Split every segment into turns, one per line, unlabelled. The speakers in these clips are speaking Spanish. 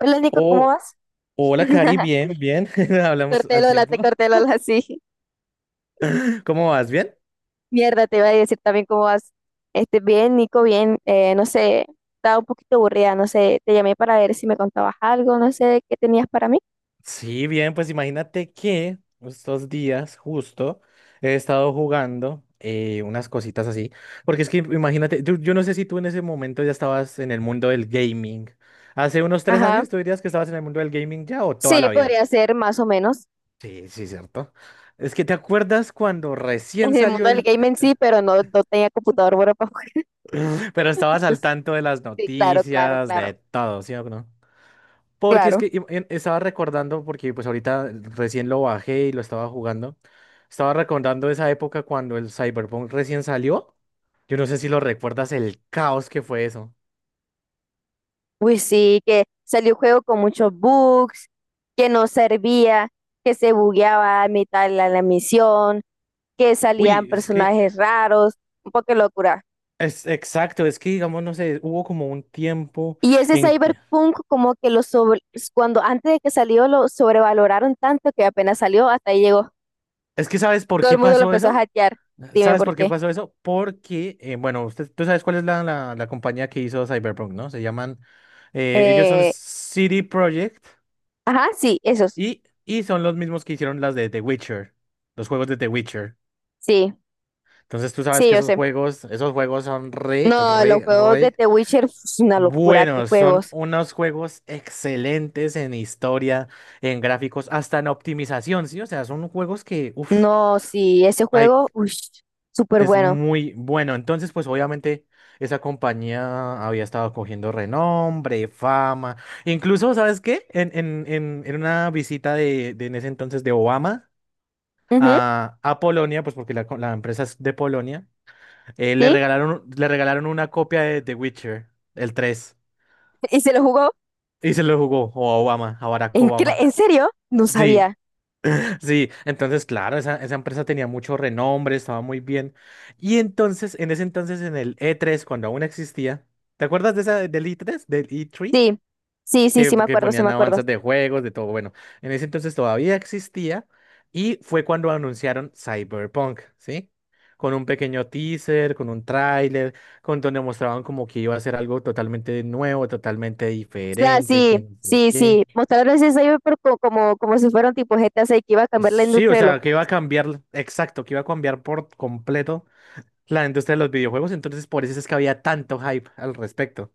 Hola Nico, ¿cómo
Oh,
vas?
hola, Cari, bien, bien.
Te
Hablamos
corté el
al
hola,
tiempo.
te corté el hola, sí.
¿Cómo vas? ¿Bien?
Mierda, te iba a decir también cómo vas. Este, bien, Nico, bien. No sé, estaba un poquito aburrida, no sé, te llamé para ver si me contabas algo, no sé, qué tenías para mí.
Sí, bien, pues imagínate que estos días justo he estado jugando unas cositas así, porque es que imagínate, yo no sé si tú en ese momento ya estabas en el mundo del gaming. Hace unos tres
Ajá.
años, ¿tú dirías que estabas en el mundo del gaming ya o toda
Sí,
la vida?
podría ser más o menos
Sí, sí, cierto. Es que te acuerdas cuando recién
en el
salió
mundo del
el...
game en sí, pero no tenía computador bueno para jugar.
Pero estabas al
Pues,
tanto de las
sí, claro, claro,
noticias,
claro,
de todo, ¿sí o no? Porque es
claro.
que estaba recordando, porque pues ahorita recién lo bajé y lo estaba jugando. Estaba recordando esa época cuando el Cyberpunk recién salió. Yo no sé si lo recuerdas, el caos que fue eso.
Uy, sí, que salió un juego con muchos bugs, que no servía, que se bugueaba a mitad de la misión. Que salían
Uy, es que
personajes raros, un poco de locura.
es exacto, es que digamos, no sé, hubo como un tiempo
Y ese
en que.
cyberpunk como que cuando antes de que salió lo sobrevaloraron tanto que apenas salió hasta ahí llegó.
Es que, ¿sabes por
Todo el
qué
mundo lo
pasó
empezó a
eso?
hackear. Dime
¿Sabes
por
por qué
qué.
pasó eso? Porque, bueno, usted, tú sabes cuál es la compañía que hizo Cyberpunk, ¿no? Se llaman, ellos son
Eh,
CD Projekt.
ajá, sí, esos.
Y son los mismos que hicieron las de The Witcher, los juegos de The Witcher.
Sí,
Entonces tú sabes
sí,
que
yo sé.
esos juegos son re,
No, los
re,
juegos de
re
The Witcher es una locura, qué
buenos. Son
juegos.
unos juegos excelentes en historia, en gráficos, hasta en optimización, ¿sí? O sea, son juegos que, uff,
No, sí, ese juego, uy, súper
es
bueno.
muy bueno. Entonces, pues obviamente esa compañía había estado cogiendo renombre, fama. Incluso, ¿sabes qué? En una visita de en ese entonces de Obama
Ujú,
a Polonia, pues porque la empresa es de Polonia, le
sí,
regalaron, le regalaron una copia de The Witcher, el 3,
y se lo jugó.
y se lo jugó o a Obama, a Barack Obama.
¿En serio? No
Sí,
sabía.
sí, entonces claro, esa empresa tenía mucho renombre, estaba muy bien. Y entonces, en ese entonces, en el E3 cuando aún existía, ¿te acuerdas de del E3? ¿Del E3?
Sí, sí, sí,
que,
sí me
que
acuerdo, sí me
ponían
acuerdo.
avanzas de juegos, de todo. Bueno, en ese entonces todavía existía y fue cuando anunciaron Cyberpunk, ¿sí? Con un pequeño teaser, con un tráiler, con donde mostraban como que iba a ser algo totalmente nuevo, totalmente
Sea,
diferente, que
sí,
no sé
sí, sí.
qué.
Mostraron ese cyber, pero como, si fuera un tipo GTA 6 que iba a cambiar la
Sí, o
industria de los
sea, que iba a
juegos.
cambiar, exacto, que iba a cambiar por completo la industria de los videojuegos, entonces por eso es que había tanto hype al respecto,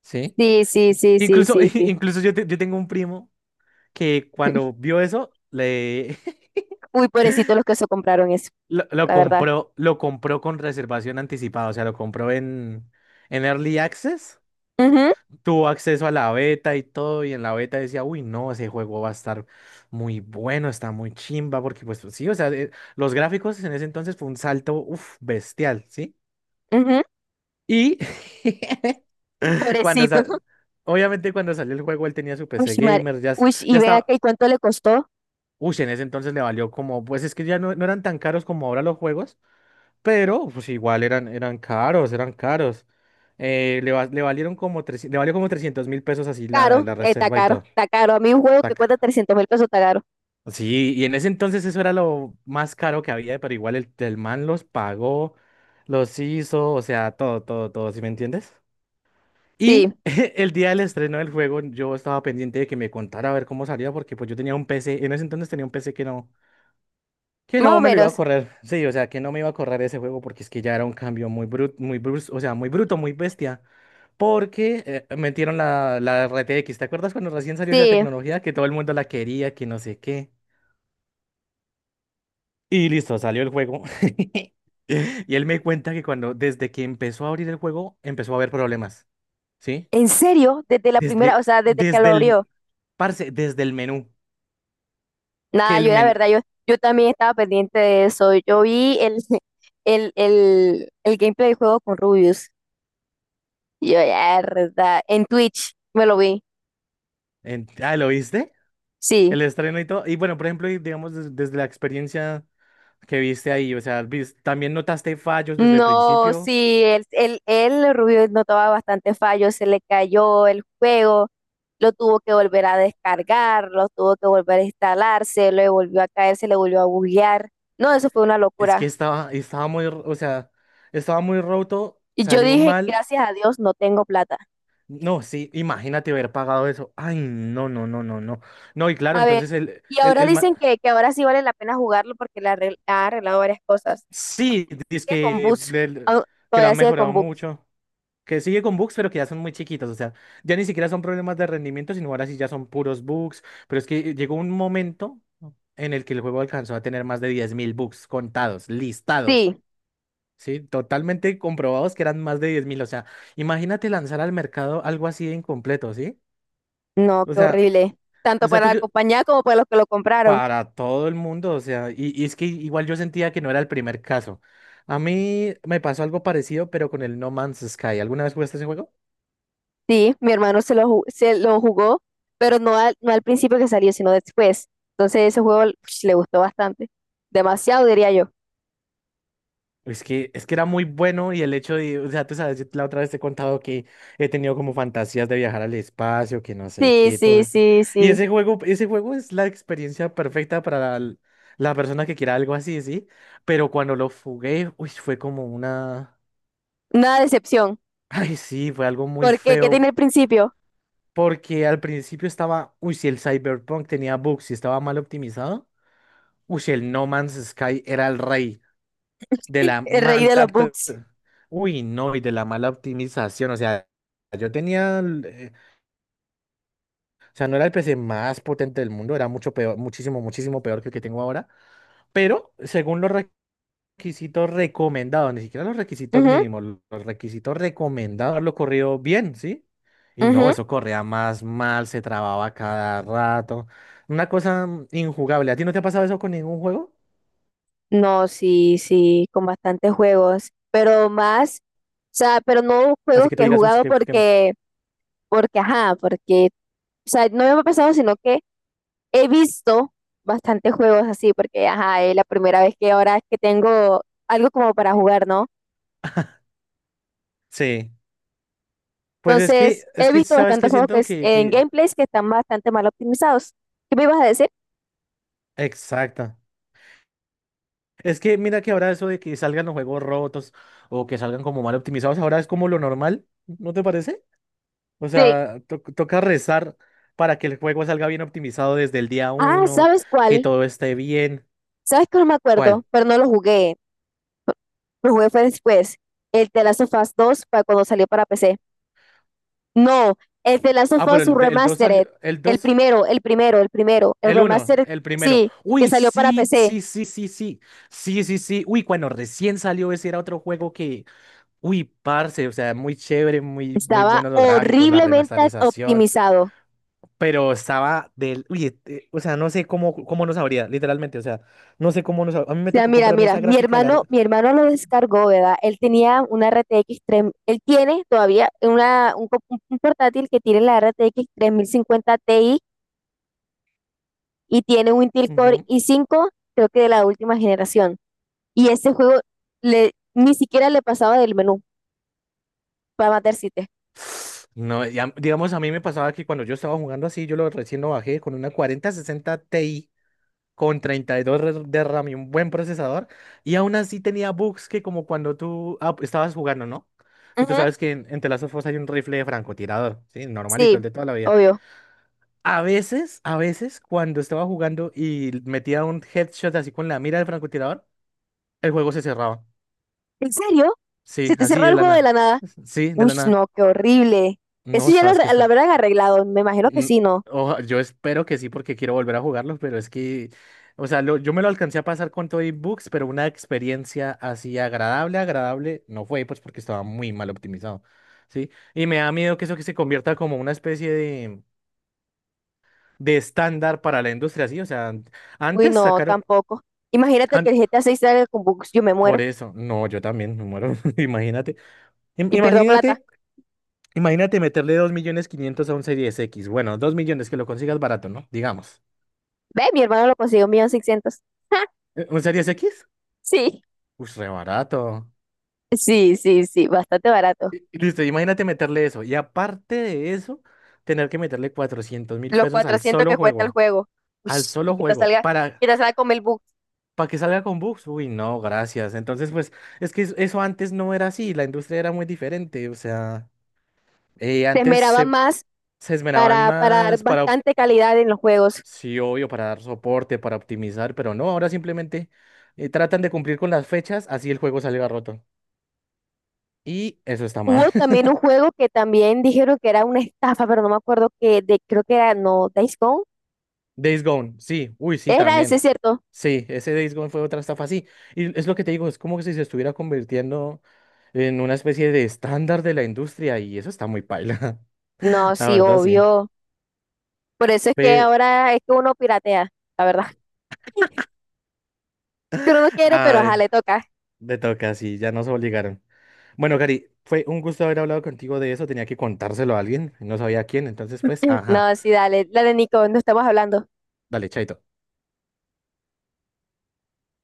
¿sí?
Sí, sí, sí, sí,
Incluso,
sí, sí.
incluso yo, yo tengo un primo que cuando vio eso, le
Uy, pobrecitos los que se compraron eso,
lo
la verdad.
compró, lo compró con reservación anticipada, o sea, lo compró en Early Access,
Ujú,
tuvo acceso a la beta y todo, y en la beta decía, uy, no, ese juego va a estar muy bueno, está muy chimba, porque pues sí, o sea, los gráficos en ese entonces fue un salto, uff, bestial, ¿sí?
ujú,
Y cuando
pobrecito.
sa- obviamente cuando salió el juego, él tenía su
Uy,
PC
madre.
gamer, ya,
Uy, y
ya
ven acá,
estaba.
¿y cuánto le costó?
Uy, en ese entonces le valió como, pues es que ya no eran tan caros como ahora los juegos. Pero, pues igual eran caros, eran caros. Le valieron como 300. Le valió como 300.000 pesos, así la,
Caro,
la
está
reserva y
caro,
todo.
está caro. A mí un juego que
Tac.
cuesta 300.000 pesos está caro.
Sí, y en ese entonces eso era lo más caro que había, pero igual el man los pagó, los hizo, o sea, todo, todo, todo, ¿sí me entiendes?
Sí,
Y el día del estreno del juego yo estaba pendiente de que me contara a ver cómo salía, porque pues yo tenía un PC, en ese entonces tenía un PC que no. Que
más
no
o
me lo iba a
menos.
correr, sí, o sea, que no me iba a correr ese juego porque es que ya era un cambio muy bruto, o sea, muy bruto, muy bestia, porque metieron la RTX, ¿te acuerdas cuando recién salió esa
Sí.
tecnología que todo el mundo la quería, que no sé qué? Y listo, salió el juego. Y él me cuenta que cuando, desde que empezó a abrir el juego, empezó a haber problemas, ¿sí?
¿En serio? Desde la primera, o
Desde,
sea, desde que lo
desde
abrió.
el, desde el menú, que
Nada,
el
yo la
menú,
verdad, yo también estaba pendiente de eso. Yo vi el gameplay de juego con Rubius. Y yo, ya, verdad. En Twitch me lo vi.
ah, ¿lo viste?
Sí.
El estreno y todo, y bueno, por ejemplo, y digamos, desde la experiencia. ¿Que viste ahí? O sea, ¿también notaste fallos desde el
No,
principio?
sí, el Rubius notaba bastante fallos, se le cayó el juego, lo tuvo que volver a descargar, lo tuvo que volver a instalar, se le volvió a caer, se le volvió a buguear. No, eso fue una
Es que
locura.
estaba muy, o sea, estaba muy roto,
Y yo
salió
dije,
mal.
gracias a Dios, no tengo plata.
No, sí, imagínate haber pagado eso. Ay, no, no, no, no, no. No, y claro,
A ver,
entonces
y ahora dicen que, ahora sí vale la pena jugarlo porque ha arreglado varias cosas.
sí, dice
Sigue con bugs. Au-
que lo
Todavía
han
sigue
mejorado
con bugs.
mucho, que sigue con bugs, pero que ya son muy chiquitos, o sea, ya ni siquiera son problemas de rendimiento, sino ahora sí ya son puros bugs, pero es que llegó un momento en el que el juego alcanzó a tener más de 10.000 bugs contados, listados.
Sí.
Sí, totalmente comprobados que eran más de 10.000. O sea, imagínate lanzar al mercado algo así de incompleto, ¿sí?
No,
O
qué
sea,
horrible. Tanto para
tú
la
que
compañía como para los que lo compraron.
para todo el mundo, o sea, y es que igual yo sentía que no era el primer caso. A mí me pasó algo parecido, pero con el No Man's Sky. ¿Alguna vez jugaste ese juego?
Sí, mi hermano se lo jugó, pero no al principio que salió, sino después. Entonces ese juego ush, le gustó bastante. Demasiado, diría yo.
Es que era muy bueno y el hecho de, o sea, tú sabes, yo la otra vez te he contado que he tenido como fantasías de viajar al espacio, que no sé
Sí,
qué, todo
sí,
eso.
sí,
Y
sí.
ese juego es la experiencia perfecta para la persona que quiera algo así, ¿sí? Pero cuando lo jugué, uy, fue como una.
Una decepción.
Ay, sí, fue algo muy
Porque, ¿Qué tiene
feo.
el principio?
Porque al principio estaba, uy, si el Cyberpunk tenía bugs y estaba mal optimizado, uy, si el No Man's Sky era el rey de la
El rey
mala,
de los bugs.
uy, no, y de la mala optimización, o sea, yo tenía, o sea, no era el PC más potente del mundo, era mucho peor, muchísimo, muchísimo peor que el que tengo ahora, pero según los requisitos recomendados, ni siquiera los requisitos
Ujú,
mínimos, los requisitos recomendados lo corrió bien, ¿sí? Y no,
ujú.
eso corría más mal, se trababa cada rato, una cosa injugable. ¿A ti no te ha pasado eso con ningún juego?
No, sí, sí, con bastantes juegos, pero más, o sea, pero no
Así
juegos
que tú
que he
digas, uy,
jugado porque, ajá, porque, o sea, no me ha pasado, sino que he visto bastantes juegos así, porque, ajá, es la primera vez que ahora es que tengo algo como para jugar, ¿no?
sí. Pues es que,
Entonces,
es
he
que,
visto
¿sabes
bastantes
qué?
juegos que
Siento
es,
que,
en
que...
gameplays que están bastante mal optimizados. ¿Qué me ibas a decir?
Exacto. Es que mira que ahora eso de que salgan los juegos rotos o que salgan como mal optimizados, ahora es como lo normal, ¿no te parece? O
Sí.
sea, toca rezar para que el juego salga bien optimizado desde el día
Ah,
uno,
¿sabes
que
cuál?
todo esté bien.
¿Sabes que no me acuerdo?
¿Cuál?
Pero no lo jugué, lo jugué fue después, el The Last of Us 2 para cuando salió para P C. No, el de Last of
Ah, pero
Us
el 2 salió,
Remastered.
el
El
dos,
primero, el primero, el primero. El
el uno,
remastered,
el primero.
sí, que
Uy,
salió para
sí,
PC.
sí, sí, sí, sí, sí, sí, sí. Uy, cuando recién salió ese era otro juego que. Uy, parce, o sea, muy chévere, muy, muy
Estaba
buenos los gráficos, la
horriblemente
remasterización,
optimizado.
pero estaba del, uy, este, o sea, no sé cómo nos habría, literalmente, o sea, no sé cómo nos hab- A mí
O
me
sea,
tocó
mira,
comprarme
mira,
esa gráfica, la.
mi hermano lo descargó, ¿verdad? Él tenía una RTX 3, él tiene todavía un un portátil que tiene la RTX 50 Ti y tiene un Intel Core
Ujú.
i5, creo que de la última generación. Y ese juego le, ni siquiera le pasaba del menú para matar siete.
No, digamos, a mí me pasaba que cuando yo estaba jugando así, yo lo recién lo bajé con una 4060 Ti con 32 de RAM y un buen procesador, y aún así tenía bugs que como cuando tú estabas jugando, ¿no? Y tú sabes que en The Last of Us hay un rifle de francotirador, ¿sí? Normalito,
Sí,
el de toda la vida.
obvio.
A veces, cuando estaba jugando y metía un headshot así con la mira del francotirador, el juego se cerraba.
¿En serio?
Sí,
¿Se te
así
cerró
de
el
la
juego de
nada.
la nada?
Sí, de
Uy,
la nada.
no, qué horrible.
No,
Eso ya
sabes que
lo
está.
habrán arreglado, me imagino que
Mm,
sí, ¿no?
yo espero que sí, porque quiero volver a jugarlo, pero es que, o sea, yo me lo alcancé a pasar con todo y bugs, pero una experiencia así agradable, agradable, no fue, pues porque estaba muy mal optimizado. Sí, y me da miedo que eso que se convierta como una especie de estándar para la industria, sí, o sea,
Uy,
antes
no,
sacaron.
tampoco. Imagínate que
an-
el GTA 6 salga con bugs, yo me muero
Por eso, no, yo también me muero. Im-
y pierdo plata.
imagínate, imagínate meterle 2.500.000 a un Series X. Bueno, 2 millones que lo consigas barato, ¿no? Digamos.
Ve, mi hermano lo consiguió 1.600.000. Ja,
¿Un Series X?
sí,
Pues re barato.
sí, sí, sí, bastante barato.
Y listo, imagínate meterle eso. Y aparte de eso, tener que meterle cuatrocientos mil
Los
pesos al
400 que
solo
cuesta el
juego.
juego. Uy,
Al
y
solo
que te
juego.
salga,
Para,
que te salga con el bug.
para que salga con bugs. Uy, no, gracias. Entonces, pues, es que eso antes no era así. La industria era muy diferente. O sea,
Se
antes
esmeraba
se
más
se esmeraban
para dar
más para.
bastante calidad en los juegos.
Sí, obvio, para dar soporte, para optimizar, pero no, ahora simplemente tratan de cumplir con las fechas, así el juego salga roto. Y eso está mal.
Hubo también un juego que también dijeron que era una estafa, pero no me acuerdo que de, creo que era, no, Days Gone.
Days Gone, sí, uy, sí,
Era ese,
también.
¿cierto?
Sí, ese Days Gone fue otra estafa, sí. Y es lo que te digo, es como que si se estuviera convirtiendo en una especie de estándar de la industria y eso está muy paila.
No,
La
sí,
verdad, sí.
obvio. Por eso es que
Pero,
ahora es que uno piratea, la verdad. Que uno no quiere, pero ajá,
ay,
le toca.
te toca, sí, ya nos obligaron. Bueno, Gary, fue un gusto haber hablado contigo de eso, tenía que contárselo a alguien, no sabía a quién, entonces pues, ajá.
No, sí, dale. La de Nico, no estamos hablando.
Dale, chaito.